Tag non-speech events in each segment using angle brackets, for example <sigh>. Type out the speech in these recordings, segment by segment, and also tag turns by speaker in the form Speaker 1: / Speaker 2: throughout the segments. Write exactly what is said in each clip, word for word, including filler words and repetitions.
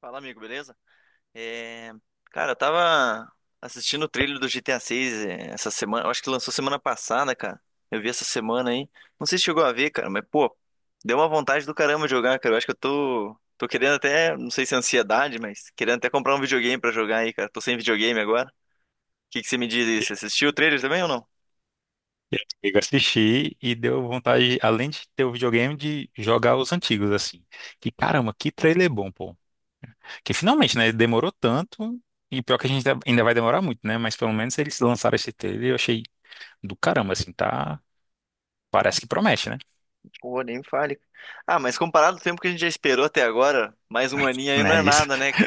Speaker 1: Fala, amigo, beleza? É, cara, eu tava assistindo o trailer do G T A seis essa semana. Eu acho que lançou semana passada, cara. Eu vi essa semana aí. Não sei se chegou a ver, cara, mas, pô, deu uma vontade do caramba de jogar, cara. Eu acho que eu tô. Tô querendo até. Não sei se é ansiedade, mas querendo até comprar um videogame pra jogar aí, cara. Tô sem videogame agora. O que que você me diz aí? Você assistiu o trailer também ou não?
Speaker 2: Eu assisti e deu vontade, além de ter o videogame, de jogar os antigos, assim. Que caramba, que trailer bom, pô. Que finalmente, né? Demorou tanto. E pior que a gente ainda vai demorar muito, né? Mas pelo menos eles lançaram esse trailer e eu achei do caramba, assim, tá? Parece que promete, né?
Speaker 1: Pô, nem me fale. Ah, mas comparado ao tempo que a gente já esperou até agora, mais um aninho aí não é
Speaker 2: Né, isso.
Speaker 1: nada, né?
Speaker 2: <laughs>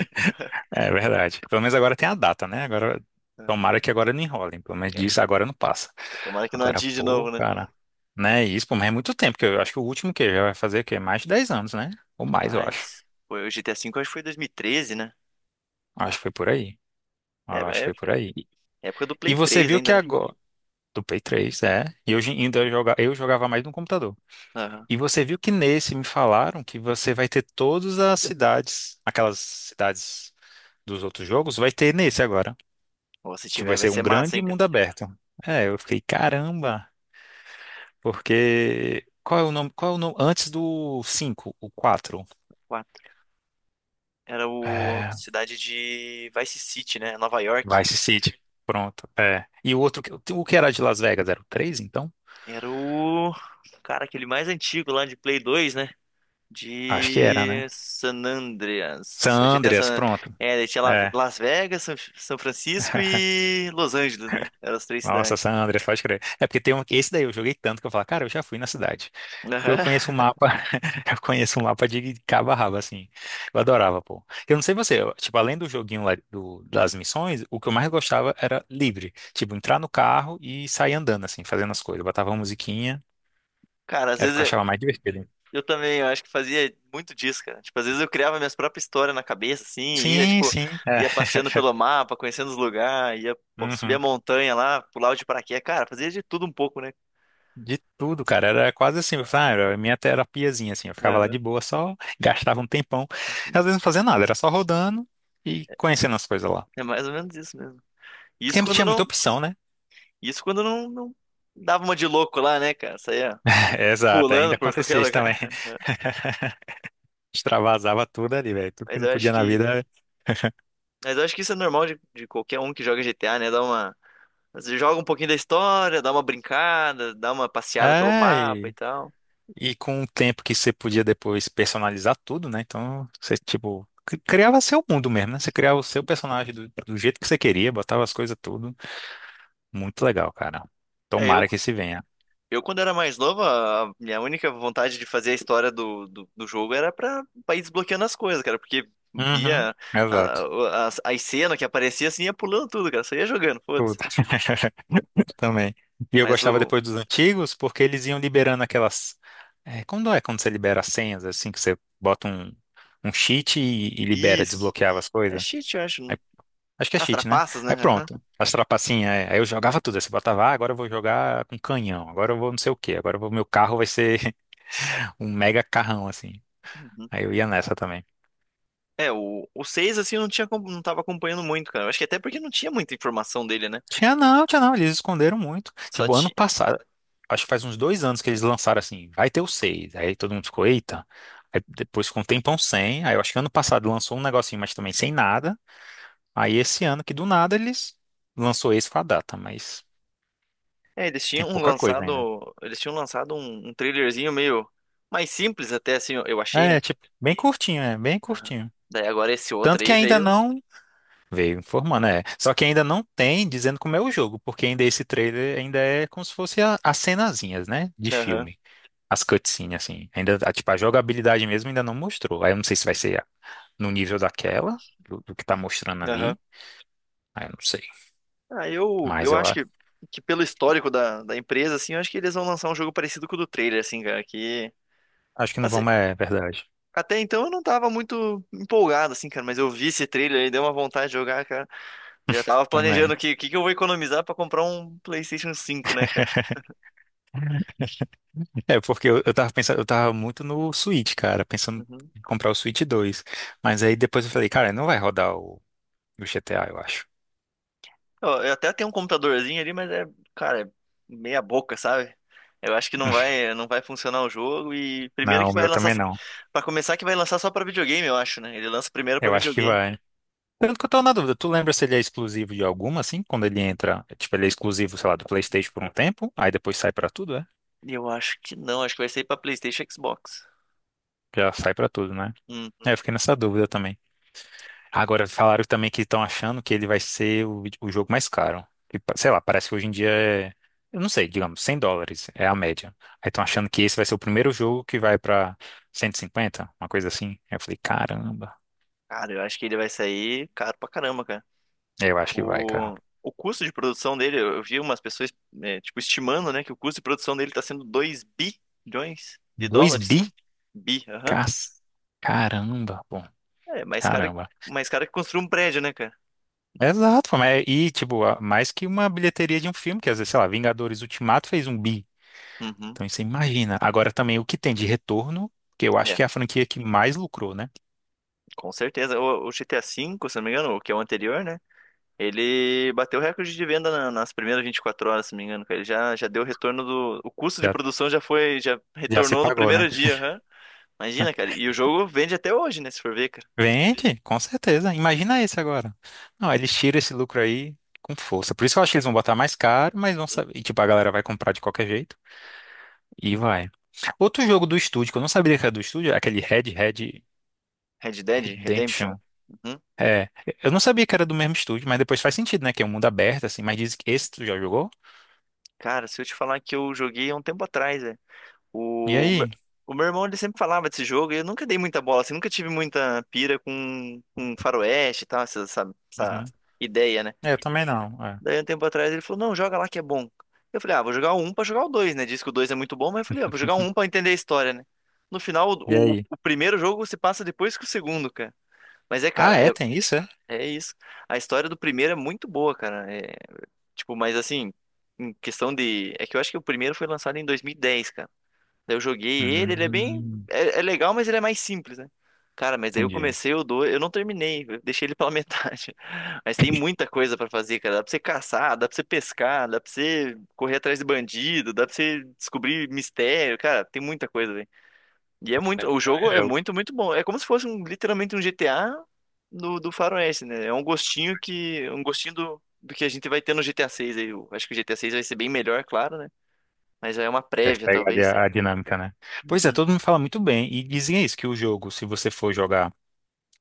Speaker 2: É verdade. Pelo menos agora tem a data, né? Agora,
Speaker 1: Cara?
Speaker 2: tomara que agora não enrolem. Pelo menos
Speaker 1: É,
Speaker 2: disso agora não passa.
Speaker 1: tomara que não
Speaker 2: Agora,
Speaker 1: adie de
Speaker 2: pô,
Speaker 1: novo, né?
Speaker 2: cara. Né, isso, pô, mas é muito tempo, que eu acho que o último que já vai fazer o quê? Mais de dez anos, né? Ou mais, eu acho.
Speaker 1: Mas, foi o G T A V eu acho que foi dois mil e treze, né?
Speaker 2: Acho que foi por aí.
Speaker 1: É,
Speaker 2: Acho que
Speaker 1: é
Speaker 2: foi
Speaker 1: época,
Speaker 2: por aí.
Speaker 1: época do
Speaker 2: E
Speaker 1: Play
Speaker 2: você
Speaker 1: três
Speaker 2: viu que
Speaker 1: ainda, né?
Speaker 2: agora. Do Play três, é. E hoje ainda eu joga- eu jogava mais no computador.
Speaker 1: Aham.
Speaker 2: E você viu que nesse me falaram que você vai ter todas as cidades, aquelas cidades dos outros jogos, vai ter nesse agora.
Speaker 1: Ou se
Speaker 2: Tipo, vai
Speaker 1: tiver, vai
Speaker 2: ser um
Speaker 1: ser massa,
Speaker 2: grande
Speaker 1: hein, cara?
Speaker 2: mundo aberto. É, eu fiquei, caramba, porque. Qual é o nome? Qual é o nome? Antes do cinco, o quatro?
Speaker 1: Quatro. Era o
Speaker 2: É.
Speaker 1: cidade de Vice City, né? Nova York.
Speaker 2: Vice City. Pronto. É. E o outro, que- o que era de Las Vegas? Era o três, então?
Speaker 1: Era o, cara, aquele mais antigo lá de Play dois, né?
Speaker 2: Acho que era,
Speaker 1: De
Speaker 2: né?
Speaker 1: San
Speaker 2: San
Speaker 1: Andreas. G T A
Speaker 2: Andreas,
Speaker 1: San...
Speaker 2: pronto.
Speaker 1: É, daí tinha La-
Speaker 2: É.
Speaker 1: Las Vegas, São São Francisco e Los Angeles, né? Eram as três
Speaker 2: Nossa,
Speaker 1: cidades.
Speaker 2: San Andreas, pode crer. É porque tem um. Esse daí eu joguei tanto que eu falo, cara, eu já fui na cidade. Eu conheço um
Speaker 1: Aham.
Speaker 2: mapa. <laughs> Eu conheço um mapa de cabo a rabo, assim. Eu adorava, pô. Eu não sei você, eu- tipo, além do joguinho lá do- das missões, o que eu mais gostava era livre. Tipo, entrar no carro e sair andando, assim, fazendo as coisas. Eu botava uma musiquinha,
Speaker 1: Cara, às
Speaker 2: era o
Speaker 1: vezes
Speaker 2: que eu
Speaker 1: é.
Speaker 2: achava mais divertido.
Speaker 1: Eu também, eu acho que fazia muito disso, cara. Tipo, às vezes eu criava minhas próprias histórias na cabeça, assim, ia,
Speaker 2: Sim,
Speaker 1: tipo,
Speaker 2: sim. É.
Speaker 1: ia passeando pelo mapa, conhecendo os lugares, ia pô, subir a
Speaker 2: Uhum.
Speaker 1: montanha lá, pular de paraquedas. Cara, fazia de tudo um pouco, né?
Speaker 2: De tudo, cara. Era quase assim, ah, era a minha terapiazinha, assim. Eu ficava lá
Speaker 1: Aham.
Speaker 2: de boa, só gastava um tempão. Às vezes não fazia nada, era só rodando e conhecendo as coisas lá.
Speaker 1: É mais ou menos isso mesmo.
Speaker 2: Porque
Speaker 1: Isso
Speaker 2: não
Speaker 1: quando
Speaker 2: tinha
Speaker 1: não,
Speaker 2: muita opção, né?
Speaker 1: isso quando não, não dava uma de louco lá, né, cara? Saía
Speaker 2: <laughs> Exato, ainda
Speaker 1: pulando por <laughs> qualquer
Speaker 2: acontecia isso também. <laughs>
Speaker 1: lugar.
Speaker 2: Extravasava tudo ali, velho. Tudo que
Speaker 1: Mas
Speaker 2: não
Speaker 1: eu acho
Speaker 2: podia na
Speaker 1: que,
Speaker 2: vida.
Speaker 1: mas eu acho que isso é normal de, de qualquer um que joga G T A, né? Dá uma, você joga um pouquinho da história, dá uma brincada, dá uma passeada pelo
Speaker 2: É,
Speaker 1: mapa e
Speaker 2: e,
Speaker 1: tal.
Speaker 2: e com o tempo que você podia depois personalizar tudo, né? Então, você, tipo, cri- criava seu mundo mesmo, né? Você criava o seu personagem do, do jeito que você queria, botava as coisas tudo. Muito legal, cara.
Speaker 1: É, eu,
Speaker 2: Tomara que se venha.
Speaker 1: Eu, quando era mais novo, a a minha única vontade de fazer a história do, do, do jogo era pra, pra ir desbloqueando as coisas, cara, porque
Speaker 2: Uhum,
Speaker 1: via a-
Speaker 2: exato.
Speaker 1: a- as as cenas que aparecia assim, ia pulando tudo, cara, só ia jogando,
Speaker 2: Tudo.
Speaker 1: foda-se.
Speaker 2: <laughs> Também. E eu
Speaker 1: Mas
Speaker 2: gostava
Speaker 1: o.
Speaker 2: depois dos antigos, porque eles iam liberando aquelas. É, quando é quando você libera as senhas, assim, que você bota um, um cheat e, e libera,
Speaker 1: Isso.
Speaker 2: desbloqueava as
Speaker 1: É
Speaker 2: coisas?
Speaker 1: cheat, eu acho.
Speaker 2: Aí- Acho que é
Speaker 1: As
Speaker 2: cheat, né?
Speaker 1: trapaças, né?
Speaker 2: Aí
Speaker 1: Aham.
Speaker 2: pronto. As trapacinhas, é. Aí eu jogava tudo. Aí você botava, ah, agora eu vou jogar com canhão, agora eu vou não sei o quê, agora eu vou, meu carro vai ser <laughs> um mega carrão, assim.
Speaker 1: Uhum.
Speaker 2: Aí eu ia nessa também.
Speaker 1: É, o, o seis assim, eu não tinha, acom- não tava acompanhando muito, cara. Eu acho que até porque não tinha muita informação dele, né?
Speaker 2: Tinha não, tinha não, eles esconderam muito.
Speaker 1: Só
Speaker 2: Tipo, ano
Speaker 1: tinha.
Speaker 2: passado, acho que faz uns dois anos que eles lançaram assim, vai ter o seis Aí todo mundo ficou, eita. Aí depois ficou um tempão sem. Aí eu acho que ano passado lançou um negocinho, mas também sem nada. Aí esse ano que do nada eles lançou esse com a data, mas
Speaker 1: É, eles
Speaker 2: tem
Speaker 1: tinham
Speaker 2: pouca coisa ainda.
Speaker 1: lançado. Eles tinham lançado um, um trailerzinho meio mais simples, até assim, eu eu achei, né?
Speaker 2: É, tipo, bem curtinho, é, bem
Speaker 1: Aham.
Speaker 2: curtinho.
Speaker 1: Daí agora esse outro
Speaker 2: Tanto que
Speaker 1: aí
Speaker 2: ainda
Speaker 1: veio.
Speaker 2: não veio informando, é. Só que ainda não tem dizendo como é o jogo, porque ainda esse trailer ainda é como se fosse a- as cenazinhas, né, de
Speaker 1: Aham,
Speaker 2: filme. As cutscenes, assim. Ainda, a- tipo, a jogabilidade mesmo ainda não mostrou. Aí eu não sei se vai ser no nível daquela, do, do que tá mostrando
Speaker 1: aham.
Speaker 2: ali. Aí eu não sei.
Speaker 1: Ah, eu,
Speaker 2: Mas
Speaker 1: eu
Speaker 2: eu
Speaker 1: acho
Speaker 2: a-
Speaker 1: que, que pelo histórico da, da empresa, assim, eu acho que eles vão lançar um jogo parecido com o do trailer, assim, cara, que...
Speaker 2: acho que não
Speaker 1: Assim,
Speaker 2: vamos, é verdade.
Speaker 1: até então eu não tava muito empolgado, assim, cara, mas eu vi esse trailer e deu uma vontade de jogar, cara. Já tava planejando
Speaker 2: Também.
Speaker 1: o que,
Speaker 2: <laughs>
Speaker 1: que, que eu vou economizar pra comprar um PlayStation cinco, né, cara?
Speaker 2: É, porque eu, eu tava pensando, eu tava muito no Switch, cara, pensando
Speaker 1: Uhum.
Speaker 2: em comprar o Switch dois Mas aí depois eu falei, cara, não vai rodar o, o G T A, eu acho.
Speaker 1: Eu, eu até tenho um computadorzinho ali, mas é, cara, é meia boca, sabe? Eu acho que não vai, não vai funcionar o jogo e primeiro
Speaker 2: Não,
Speaker 1: que
Speaker 2: o
Speaker 1: vai
Speaker 2: meu
Speaker 1: lançar
Speaker 2: também
Speaker 1: só-
Speaker 2: não.
Speaker 1: Pra começar que vai lançar só pra videogame, eu acho, né? Ele lança primeiro pra
Speaker 2: Eu acho que
Speaker 1: videogame.
Speaker 2: vai. Tanto que eu tô na dúvida, tu lembra se ele é exclusivo de alguma, assim, quando ele entra, tipo, ele é exclusivo, sei lá, do PlayStation por um tempo, aí depois sai pra tudo, é?
Speaker 1: E eu acho que não, acho que vai sair pra PlayStation e Xbox.
Speaker 2: Já sai pra tudo, né?
Speaker 1: Hum,
Speaker 2: É, eu fiquei nessa dúvida também. Agora, falaram também que estão achando que ele vai ser o, vide- o jogo mais caro. E, pa- sei lá, parece que hoje em dia é. Eu não sei, digamos, cem dólares é a média. Aí estão achando que esse vai ser o primeiro jogo que vai pra cento e cinquenta uma coisa assim. Aí eu falei, caramba.
Speaker 1: cara, eu acho que ele vai sair caro pra caramba, cara.
Speaker 2: É, eu acho que vai, cara.
Speaker 1: O, o custo de produção dele, eu eu vi umas pessoas, é, tipo, estimando, né, que o custo de produção dele tá sendo dois bilhões de
Speaker 2: dois
Speaker 1: dólares.
Speaker 2: bi?
Speaker 1: Bi, aham.
Speaker 2: Cas- Caramba, bom,
Speaker 1: É mais caro,
Speaker 2: caramba.
Speaker 1: mais caro que construir um prédio, né, cara?
Speaker 2: Exato, pô, mas- e tipo, a- mais que uma bilheteria de um filme, que às vezes, sei lá, Vingadores Ultimato fez um bi.
Speaker 1: Uhum.
Speaker 2: Então você imagina. Agora também o que tem de retorno, que eu acho
Speaker 1: É,
Speaker 2: que é a franquia que mais lucrou, né?
Speaker 1: com certeza. O, o G T A V, se não me engano, o que é o anterior, né? Ele bateu o recorde de venda na- nas primeiras vinte e quatro horas, se não me engano, cara. Ele já, já deu o retorno do. O custo de
Speaker 2: Já,
Speaker 1: produção já foi. Já
Speaker 2: já se
Speaker 1: retornou no
Speaker 2: pagou, né?
Speaker 1: primeiro dia, hã? Imagina, cara. E o jogo vende até hoje, né? Se for ver, cara.
Speaker 2: Vende, com certeza. Imagina esse agora. Não, eles tiram esse lucro aí com força. Por isso que eu acho que eles vão botar mais caro, mas vão
Speaker 1: Hum.
Speaker 2: saber. E tipo, a galera vai comprar de qualquer jeito. E vai. Outro jogo do estúdio, que eu não sabia que era do estúdio, é aquele Red Dead
Speaker 1: Red Dead Redemption.
Speaker 2: Redemption.
Speaker 1: Uhum.
Speaker 2: É, eu não sabia que era do mesmo estúdio, mas depois faz sentido, né? Que é um mundo aberto, assim, mas diz que esse tu já jogou?
Speaker 1: Cara, se eu te falar que eu joguei há um tempo atrás, é.
Speaker 2: E
Speaker 1: O, meu-
Speaker 2: aí?
Speaker 1: o meu irmão, ele sempre falava desse jogo e eu nunca dei muita bola, assim. Nunca tive muita pira com, com faroeste e tal, essa, essa
Speaker 2: Uhum.
Speaker 1: essa ideia, né?
Speaker 2: É, eu também não. É.
Speaker 1: Daí, um tempo atrás, ele falou, não, joga lá que é bom. Eu falei, ah, vou jogar o um pra jogar o dois, né? Diz que o dois é muito bom, mas eu falei, ah, vou jogar o um pra entender a história, né? No final,
Speaker 2: E
Speaker 1: o, o,
Speaker 2: aí?
Speaker 1: o primeiro jogo se passa depois que o segundo, cara. Mas é,
Speaker 2: Ah,
Speaker 1: cara,
Speaker 2: é?
Speaker 1: é,
Speaker 2: Tem isso, é?
Speaker 1: é isso. A história do primeiro é muito boa, cara. É, tipo, mas assim, em questão de... É que eu acho que o primeiro foi lançado em dois mil e dez, cara. Daí eu joguei ele, ele é bem.
Speaker 2: Hum,
Speaker 1: É, é legal, mas ele é mais simples, né? Cara, mas daí eu
Speaker 2: entendi.
Speaker 1: comecei o dois eu não terminei, eu deixei ele pela <laughs> metade. Mas tem muita coisa pra fazer, cara. Dá pra você caçar, dá pra você pescar, dá pra você correr atrás de bandido, dá pra você descobrir mistério, cara, tem muita coisa, velho. E é muito, o jogo
Speaker 2: É,
Speaker 1: é
Speaker 2: eu.
Speaker 1: muito, muito bom. É como se fosse um- literalmente um G T A do, do Faroeste, né? É um gostinho que, um gostinho do, do que a gente vai ter no G T A seis aí. Eu acho que o G T A seis vai ser bem melhor, claro, né? Mas já é uma
Speaker 2: Deve
Speaker 1: prévia,
Speaker 2: pegar ali
Speaker 1: talvez, né?
Speaker 2: a, a dinâmica, né? Pois é,
Speaker 1: Uhum.
Speaker 2: todo mundo fala muito bem. E dizem é isso, que o jogo, se você for jogar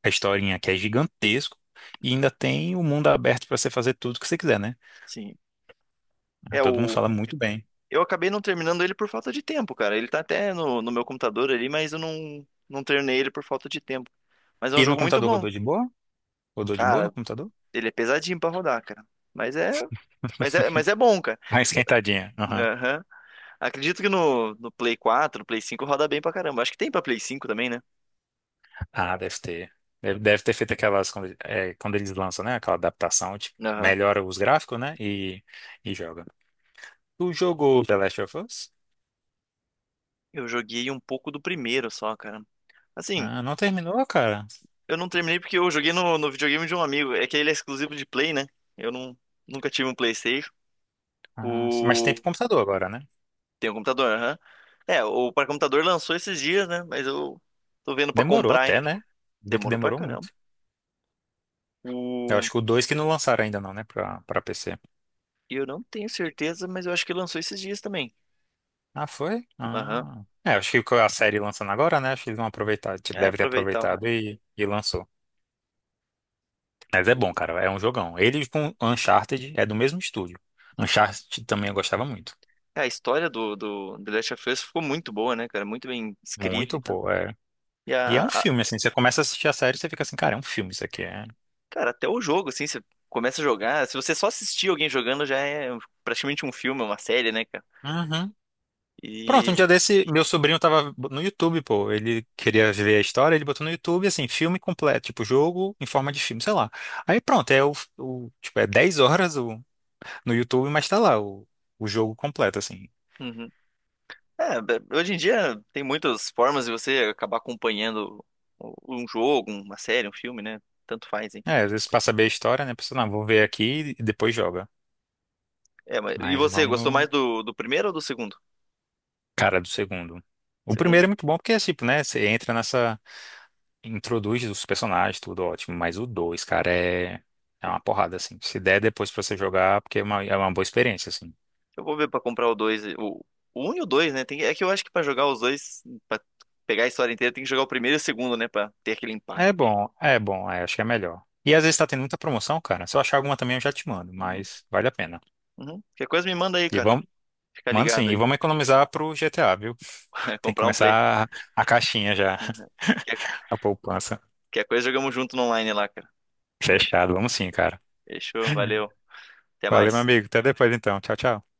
Speaker 2: a historinha, que é gigantesco, e ainda tem o mundo aberto pra você fazer tudo que você quiser, né?
Speaker 1: Sim.
Speaker 2: Ah,
Speaker 1: É,
Speaker 2: todo mundo
Speaker 1: o...
Speaker 2: fala muito bem.
Speaker 1: Eu acabei não terminando ele por falta de tempo, cara. Ele tá até no, no meu computador ali, mas eu não, não terminei ele por falta de tempo. Mas é um
Speaker 2: E no
Speaker 1: jogo muito
Speaker 2: computador
Speaker 1: bom.
Speaker 2: rodou de boa? Rodou de boa no
Speaker 1: Cara,
Speaker 2: computador?
Speaker 1: ele é pesadinho pra rodar, cara. Mas é. Mas é,
Speaker 2: <laughs>
Speaker 1: mas é bom, cara.
Speaker 2: Mais
Speaker 1: É,
Speaker 2: esquentadinha. Aham.
Speaker 1: aham. Acredito que no, no Play quatro no Play cinco roda bem pra caramba. Acho que tem pra Play cinco também, né?
Speaker 2: Ah, deve ter. Deve, deve ter feito aquelas, quando, é, quando eles lançam, né? Aquela adaptação, tipo,
Speaker 1: Aham.
Speaker 2: melhora os gráficos, né? E, e, joga. Tu jogou The Last of Us?
Speaker 1: Eu joguei um pouco do primeiro só, cara. Assim,
Speaker 2: Ah, não terminou, cara?
Speaker 1: eu não terminei porque eu joguei no, no videogame de um amigo. É que ele é exclusivo de Play, né? Eu não, nunca tive um PlayStation.
Speaker 2: Ah, sim. Mas tem pro computador agora, né?
Speaker 1: Tem um computador, aham. É, o para computador lançou esses dias, né? Mas eu tô vendo pra
Speaker 2: Demorou
Speaker 1: comprar, hein?
Speaker 2: até, né? Vi que
Speaker 1: Demorou pra
Speaker 2: demorou
Speaker 1: caramba.
Speaker 2: muito. Eu
Speaker 1: O...
Speaker 2: acho que o dois que não lançaram ainda não, né? Pra, pra P C.
Speaker 1: Eu não tenho certeza, mas eu acho que lançou esses dias também.
Speaker 2: Ah, foi?
Speaker 1: Aham.
Speaker 2: Ah. É, acho que que a série lançando agora, né? Acho que eles vão aproveitar. Tipo,
Speaker 1: É,
Speaker 2: deve ter
Speaker 1: aproveitar o- hype.
Speaker 2: aproveitado e, e lançou. Mas é bom, cara. É um jogão. Ele com Uncharted é do mesmo estúdio. Uncharted também eu gostava muito.
Speaker 1: A história do, do The Last of Us ficou muito boa, né, cara? Muito bem escrita e
Speaker 2: Muito,
Speaker 1: tal.
Speaker 2: pô. É.
Speaker 1: E
Speaker 2: E é
Speaker 1: a,
Speaker 2: um
Speaker 1: a-
Speaker 2: filme, assim. Você começa a assistir a série e você fica assim, cara, é um filme isso aqui. É.
Speaker 1: Cara, até o jogo, assim, você começa a jogar. Se você só assistir alguém jogando, já é praticamente um filme, uma série, né, cara?
Speaker 2: Uhum. Pronto, um
Speaker 1: E.
Speaker 2: dia desse, meu sobrinho tava no YouTube, pô. Ele queria ver a história, ele botou no YouTube, assim, filme completo, tipo, jogo em forma de filme, sei lá. Aí pronto, é o, o- tipo, é dez horas o, no YouTube, mas tá lá o, o jogo completo, assim.
Speaker 1: Uhum. É, be- hoje em dia tem muitas formas de você acabar acompanhando o- um jogo, uma série, um filme, né? Tanto faz, hein?
Speaker 2: É, às vezes pra saber a história, né, pessoal, não, vou ver aqui e depois joga.
Speaker 1: É, mas, e
Speaker 2: Mas
Speaker 1: você, gostou
Speaker 2: vamos,
Speaker 1: mais do, do primeiro ou do segundo?
Speaker 2: cara, do segundo. O primeiro
Speaker 1: Segundo.
Speaker 2: é muito bom porque, é, tipo, né, você entra nessa, introduz os personagens, tudo ótimo, mas o dois, cara, é... É uma porrada, assim. Se der depois pra você jogar, porque é uma, é uma boa experiência, assim.
Speaker 1: Eu vou ver pra comprar o dois. O, o um e o dois, né? Tem, é que eu acho que pra jogar os dois, pra pegar a história inteira, tem que jogar o primeiro e o segundo, né? Pra ter aquele impacto.
Speaker 2: É bom, é bom, é, acho que é melhor. E às vezes tá tendo muita promoção, cara. Se eu achar alguma também, eu já te mando,
Speaker 1: Uhum,
Speaker 2: mas vale a pena.
Speaker 1: uhum. Qualquer coisa me manda aí,
Speaker 2: E
Speaker 1: cara.
Speaker 2: vamos,
Speaker 1: Fica
Speaker 2: mano, sim,
Speaker 1: ligado
Speaker 2: e,
Speaker 1: aí.
Speaker 2: vamos economizar pro G T A, viu?
Speaker 1: <laughs>
Speaker 2: Tem que
Speaker 1: Comprar um play.
Speaker 2: começar a caixinha já,
Speaker 1: Uhum. Qualquer,
Speaker 2: <laughs> a poupança.
Speaker 1: qualquer coisa jogamos junto no online lá, cara.
Speaker 2: Fechado, vamos sim, cara.
Speaker 1: Fechou, valeu. Até
Speaker 2: Valeu, meu
Speaker 1: mais.
Speaker 2: amigo. Até depois então. Tchau, tchau.